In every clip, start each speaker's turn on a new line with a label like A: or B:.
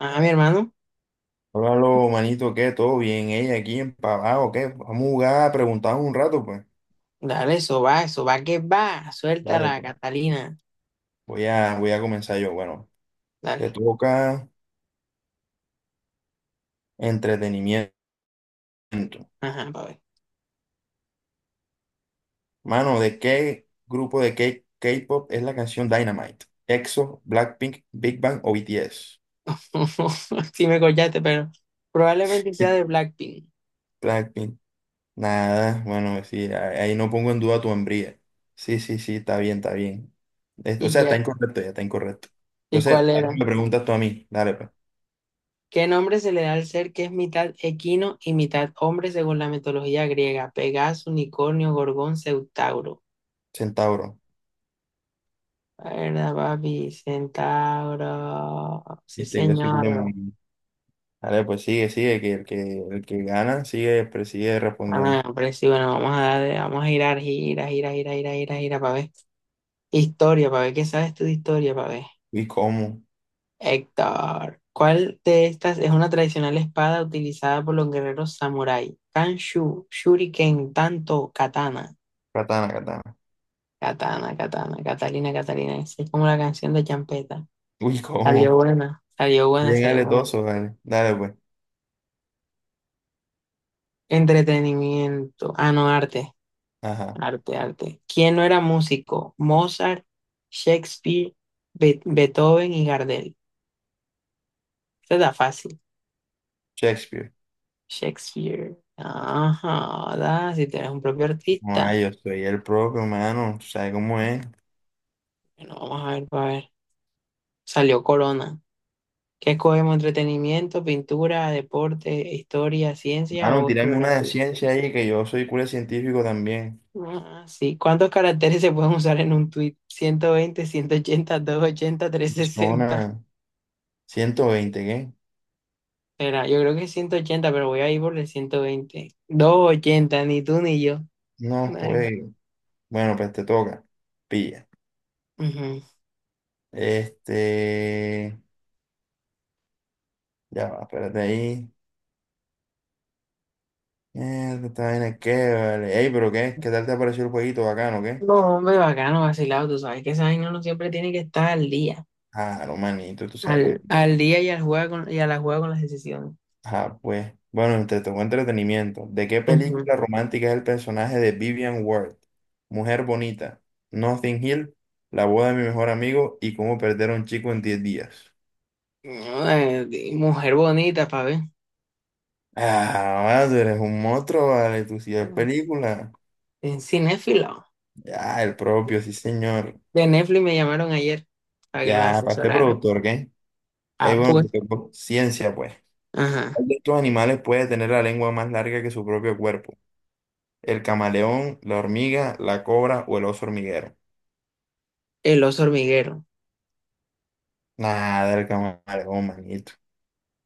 A: Ah, mi hermano,
B: Hola, lo manito, ¿qué? ¿Todo bien? Ella aquí en empavado, ¿qué? Vamos a jugar, a preguntar un rato, pues.
A: dale, eso va que va.
B: Dale,
A: Suéltala,
B: pues.
A: Catalina.
B: Voy a comenzar yo. Bueno, te
A: Dale.
B: toca entretenimiento.
A: Ajá, pa' ver.
B: Mano, ¿de qué grupo de K-pop es la canción Dynamite? ¿EXO, Blackpink, Big Bang o BTS?
A: Sí me collaste, pero probablemente sea de Blackpink.
B: Blackpink. Nada, bueno, sí, ahí ahí no pongo en duda tu hombría. Sí, sí, sí, está bien, está bien. O
A: ¿Y
B: sea, está
A: qué?
B: incorrecto, ya está incorrecto.
A: ¿Y
B: Entonces,
A: cuál
B: ahora
A: era?
B: me preguntas tú a mí. Dale, pues.
A: ¿Qué nombre se le da al ser que es mitad equino y mitad hombre según la mitología griega? Pegaso, unicornio, gorgón, centauro.
B: Centauro.
A: ¿Verdad, papi? Centauro. Sí,
B: Viste que soy
A: señor.
B: culemón. Dale, pues sigue, sigue, que el que gana sigue, sigue respondiendo.
A: Ah, hombre, sí, bueno, vamos a darle, vamos a girar, gira, gira, gira, gira, gira, gira, para ver. Historia, para ver qué sabes tú de historia, para ver.
B: Uy, cómo.
A: Héctor, ¿cuál de estas es una tradicional espada utilizada por los guerreros samurái? Kanshu, Shuriken, Tanto, Katana.
B: Katana, katana.
A: Katana, Katana, Catalina, Catalina. Esa es como la canción de Champeta.
B: Uy,
A: Salió
B: cómo.
A: buena, salió buena,
B: Bien
A: salió buena.
B: aletoso, dale. Dale, pues.
A: Entretenimiento. Ah, no, arte.
B: Ajá.
A: Arte, arte. ¿Quién no era músico? Mozart, Shakespeare, Beethoven y Gardel. Esta está fácil.
B: Shakespeare.
A: Shakespeare. Ajá, ¿verdad? Si tienes un propio artista.
B: Ay, yo soy el propio, mano. ¿Tú sabes cómo es?
A: Bueno, vamos a ver, para ver. Salió Corona. ¿Qué escogemos? ¿Entretenimiento, pintura, deporte, historia, ciencia
B: Mano,
A: o
B: tirame una de
A: geografía?
B: ciencia ahí, que yo soy cura científico también.
A: Ah, sí. ¿Cuántos caracteres se pueden usar en un tweet? 120, 180, 280, 360.
B: Zona 120, ¿qué?
A: Espera, yo creo que es 180, pero voy a ir por el 120. 280, ni tú ni yo.
B: No,
A: Vale.
B: güey. Bueno, pues te toca. Pilla.
A: Ujú.
B: Este. Ya va, espérate ahí. Mierda, esta vaina es que, vale. Ey, pero qué, ¿qué tal te pareció el jueguito bacano, qué?
A: No, hombre, bacano, vacilado. Tú sabes que esa vaina no siempre tiene que estar al día.
B: Ah, no, manito, tú sabes cómo.
A: Al día y, al juega con, y a la juega con las decisiones.
B: Ah, pues. Bueno, entre tocó entretenimiento. ¿De qué
A: Ujú.
B: película romántica es el personaje de Vivian Ward? Mujer bonita, Nothing Hill, La boda de mi mejor amigo y Cómo perder a un chico en 10 días.
A: Mujer bonita, para ver.
B: Ah, vale, tú eres un monstruo, vale, tú sí ves película.
A: En cinéfilo.
B: Ya, el propio, sí, señor.
A: De Netflix me llamaron ayer para que los
B: Ya, ¿para qué
A: asesorara.
B: productor, qué?
A: Ah,
B: Ey, bueno,
A: pues.
B: te tocó ciencia, pues.
A: Ajá.
B: ¿Cuál de estos animales puede tener la lengua más larga que su propio cuerpo? ¿El camaleón, la hormiga, la cobra o el oso hormiguero?
A: El oso hormiguero.
B: Nada, el camaleón, manito.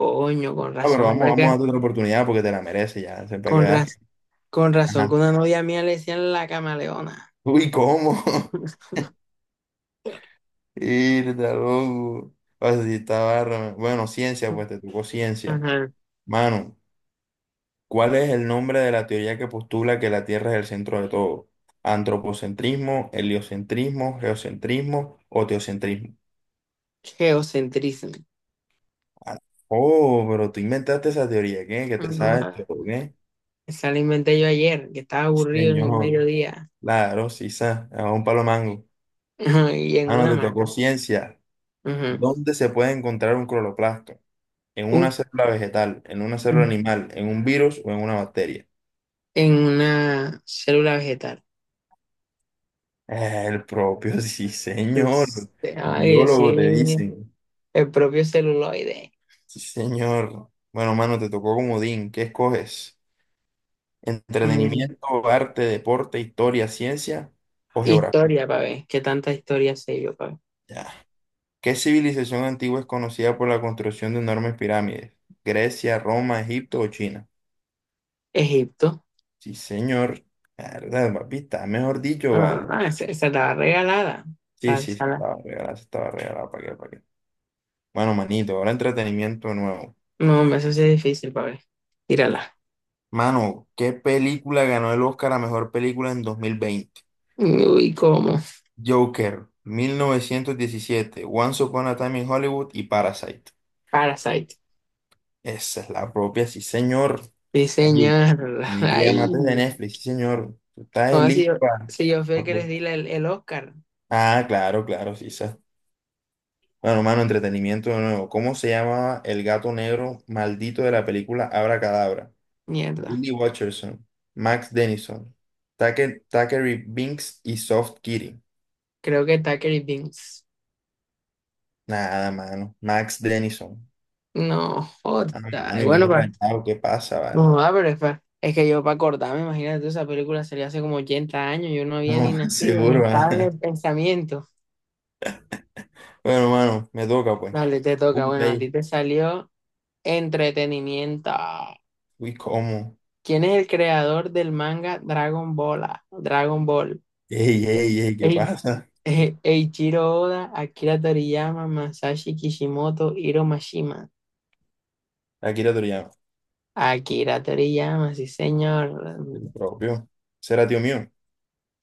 A: Coño, con
B: Ah, pero
A: razón,
B: vamos,
A: fue
B: vamos a
A: que
B: darte otra oportunidad porque te la mereces ya. Siempre que
A: Con,
B: veas que...
A: raz- con razón que
B: Ajá.
A: una novia mía le decían la camaleona.
B: Uy, ¿cómo? Irda, loco. O sea, sí está barra. Bueno, ciencia, pues te tocó ciencia.
A: Ajá.
B: Mano, ¿cuál es el nombre de la teoría que postula que la Tierra es el centro de todo? ¿Antropocentrismo, heliocentrismo, geocentrismo o teocentrismo?
A: Geocentrismo.
B: Ah, oh, pero tú inventaste esa teoría, ¿qué? Que te sabes
A: No,
B: todo, ¿qué?
A: esa la inventé yo ayer, que estaba aburrido en el
B: Señor,
A: mediodía.
B: claro, sí, a un palo mango.
A: Ajá, y en
B: Ah, no,
A: una
B: te tocó
A: hamaca.
B: ciencia.
A: Ujú.
B: ¿Dónde se puede encontrar un cloroplasto? ¿En una célula vegetal, en una célula
A: Un,
B: animal, en un virus o en una bacteria?
A: en una célula vegetal.
B: El propio, sí, señor.
A: Este, ay, yo
B: Biólogo te
A: sí,
B: dicen.
A: el propio celuloide.
B: Sí, señor. Bueno, mano, te tocó comodín. ¿Qué escoges?
A: Mm,
B: ¿Entretenimiento, arte, deporte, historia, ciencia o geografía?
A: Historia, para ver, qué tanta historia sé yo, para ver.
B: Ya. ¿Qué civilización antigua es conocida por la construcción de enormes pirámides? ¿Grecia, Roma, Egipto o China?
A: Egipto.
B: Sí, señor. Verdad, papi, está mejor dicho,
A: Ah,
B: vale.
A: ah, esa la regalada.
B: Sí,
A: Sal,
B: sí,
A: sala.
B: se estaba regalada, ¿para qué, para qué? Bueno, manito, ahora entretenimiento nuevo.
A: No, hombre, eso sí es difícil, para ver. Tírala.
B: Mano, ¿qué película ganó el Oscar a mejor película en 2020?
A: Uy, ¿cómo?
B: Joker, 1917, Once Upon a Time in Hollywood y Parasite.
A: Parasite.
B: Esa es la propia, sí, señor. Ey,
A: Diseñarla.
B: tienen que
A: Ay,
B: llamarte de Netflix, sí, señor. Tú estás
A: no, si
B: listo
A: yo, si yo fui el
B: para
A: que les
B: pro-
A: di el Oscar.
B: Ah, claro, claro, sí, esa. Bueno, mano, entretenimiento de nuevo. ¿Cómo se llamaba el gato negro maldito de la película Abracadabra?
A: Mierda.
B: Billy Watcherson, Max Dennison, Tucker, Thackeray Binks y Soft Kitty.
A: Creo que Tucker y Vince.
B: Nada, mano. Max Dennison.
A: No,
B: Ah,
A: jota.
B: mano, y
A: Bueno,
B: ven rayado, ¿qué pasa, vale?
A: no, ah, pero es que yo para acordarme, imagínate, esa película sería hace como 80 años, yo no había ni
B: No,
A: nacido, ni
B: seguro.
A: estaba en
B: Ah.
A: el pensamiento.
B: Bueno, mano, me toca, pues.
A: Dale, te toca,
B: Punto
A: bueno, a ti
B: ahí.
A: te salió entretenimiento.
B: Uy, ¿cómo?
A: ¿Quién es el creador del manga Dragon Ball? ¿Ah? Dragon Ball.
B: Ey, ey, ey, ¿qué
A: Ei-
B: pasa?
A: Eiichiro Oda, Akira Toriyama, Masashi Kishimoto, Hiro Mashima.
B: Akira Toriyama,
A: Akira Toriyama, sí, señor.
B: el propio. ¿Será tío mío?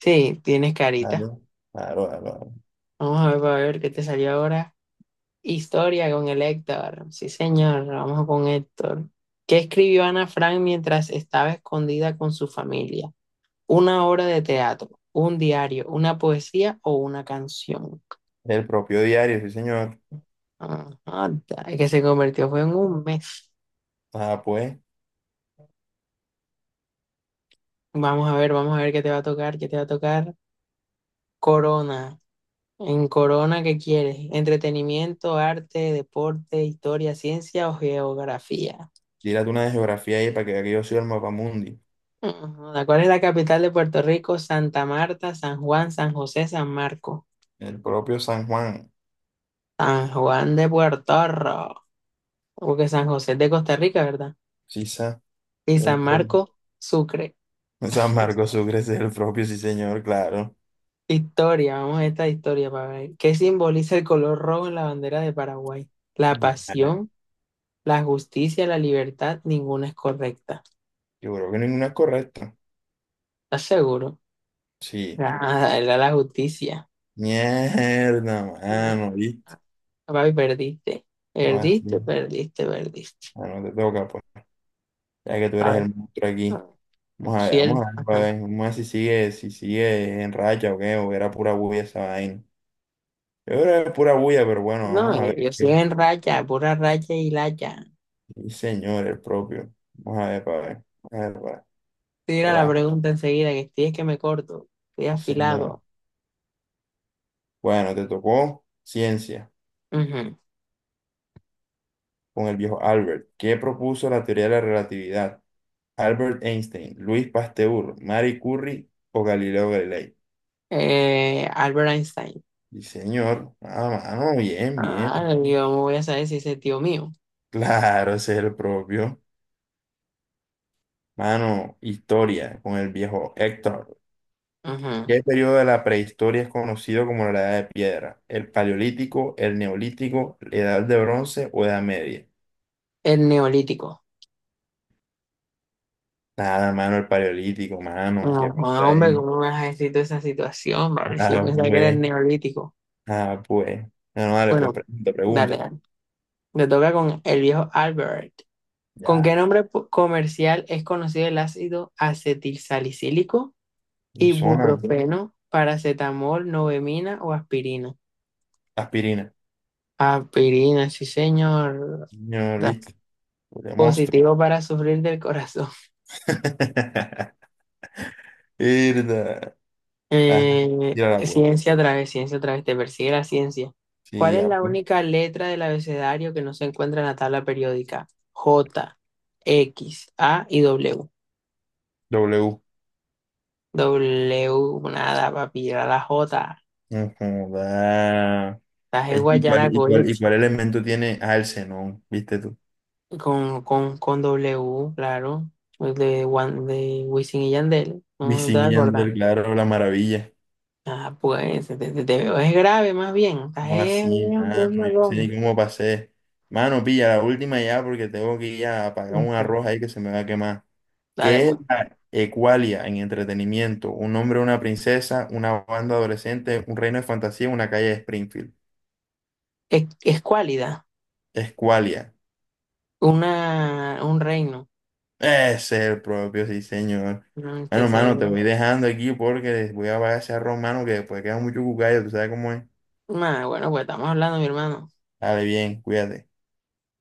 A: Sí, tienes carita.
B: Claro, claro, claro. Claro.
A: Vamos a ver, para ver qué te salió ahora. Historia con el Héctor. Sí, señor, vamos con Héctor. ¿Qué escribió Ana Frank mientras estaba escondida con su familia? ¿Una obra de teatro, un diario, una poesía o una canción?
B: El propio diario, sí, señor.
A: Ajá, el que se convirtió fue en un mes.
B: Ah, pues,
A: Vamos a ver qué te va a tocar, qué te va a tocar. Corona. En Corona, ¿qué quieres? ¿Entretenimiento, arte, deporte, historia, ciencia o geografía?
B: tírate una de geografía ahí para que vea que yo soy el mapamundi.
A: Ajá, ¿cuál es la capital de Puerto Rico? Santa Marta, San Juan, San José, San Marco.
B: El propio San Juan,
A: San Juan de Puerto Rico, porque San José es de Costa Rica, ¿verdad?
B: sí,
A: Y
B: el
A: San
B: propio.
A: Marco, Sucre.
B: San Marcos Sucre es el propio, sí, señor, claro.
A: Historia, vamos a esta historia para ver. ¿Qué simboliza el color rojo en la bandera de Paraguay? La
B: Mierda.
A: pasión, la justicia, la libertad, ninguna es correcta.
B: Yo creo que ninguna es correcta.
A: ¿Estás seguro?
B: Sí.
A: Ah, era la justicia.
B: Mierda, mano,
A: Ah,
B: ¿viste?
A: papi, perdiste.
B: Ah,
A: Perdiste,
B: sí.
A: perdiste, perdiste.
B: Ah, no te toca, pues, ya que tú
A: A
B: eres
A: ver.
B: el monstruo aquí. Vamos
A: Fiel.
B: a ver, pa' ver, vamos a ver si sigue, si sigue en racha o qué, o era pura bulla esa vaina. Yo creo que era pura bulla, pero bueno, vamos
A: No,
B: a ver
A: yo estoy
B: qué.
A: en racha, pura racha y lacha.
B: Sí, señor, el propio. Vamos a ver, para ver. Vamos a ver, pa' ver.
A: Tira la
B: Relaja.
A: pregunta enseguida, que estoy es que me corto, estoy
B: Sí, señor.
A: afilado.
B: Bueno, te tocó ciencia
A: Ujú.
B: con el viejo Albert. ¿Qué propuso la teoría de la relatividad? Albert Einstein, Luis Pasteur, Marie Curie o Galileo Galilei.
A: Albert Einstein.
B: Sí, señor. Ah, mano, bien, bien,
A: Ah,
B: bien.
A: yo me voy a saber si ese tío mío.
B: Claro, ese es el propio. Mano, historia con el viejo Héctor.
A: Ujú.
B: ¿Qué periodo de la prehistoria es conocido como la Edad de Piedra? ¿El Paleolítico, el Neolítico, la Edad de Bronce o Edad Media?
A: El neolítico.
B: Nada, mano, el Paleolítico, mano.
A: No,
B: ¿Qué pasó
A: hombre,
B: ahí?
A: ¿cómo me has escrito esa situación, vale? Si yo
B: Ah,
A: pensaba que era el
B: pues,
A: neolítico.
B: ah, pues. Bueno, dale, pues
A: Bueno,
B: pregunta,
A: dale,
B: pregunta.
A: dale. Me toca con el viejo Albert. ¿Con qué
B: Ya.
A: comercial es conocido el ácido acetilsalicílico?
B: Y zona,
A: Ibuprofeno, paracetamol, novemina o aspirina.
B: aspirina.
A: Aspirina, sí, señor.
B: No,
A: Da-
B: viste, de monstruo.
A: Positivo para sufrir del corazón.
B: Irda. Ah, tírala, pues.
A: Ciencia otra vez, ciencia otra vez, te persigue la ciencia. ¿Cuál
B: Sí,
A: es
B: ya,
A: la
B: pues.
A: única letra del abecedario que no se encuentra en la tabla periódica? J, X, A y W.
B: W.
A: W, nada, papi, era la J.
B: Ujú, da.
A: Estás en
B: ¿Es igual
A: Guayaracoya,
B: igual igual y elemento tiene? Ah, el xenón, ¿viste tú?
A: con, con W, claro, el de, de Wisin y Yandel, no te
B: Wisin y
A: vas a
B: sí,
A: acordar.
B: Yandel, claro, la maravilla.
A: Ah, pues, te veo, es grave más bien, estás
B: No así, nada,
A: es
B: no yo no sé
A: malón.
B: ni cómo pasé. Mano, pilla la última ya porque tengo que ir a apagar un
A: Ujú,
B: arroz ahí que se me va a quemar.
A: dale,
B: ¿Qué es
A: pues.
B: la Ecualia en entretenimiento? Un hombre, una princesa, una banda adolescente, un reino de fantasía, una calle de Springfield.
A: Es cualidad,
B: Escualia.
A: una, un reino.
B: Ese es el propio, sí, señor.
A: ¿No? Que
B: Bueno,
A: se,
B: mano, te voy dejando aquí porque voy a apagar ese arroz, mano, que después queda mucho cucayo, tú sabes cómo es.
A: nah, bueno, pues estamos hablando, mi hermano.
B: Dale, bien, cuídate.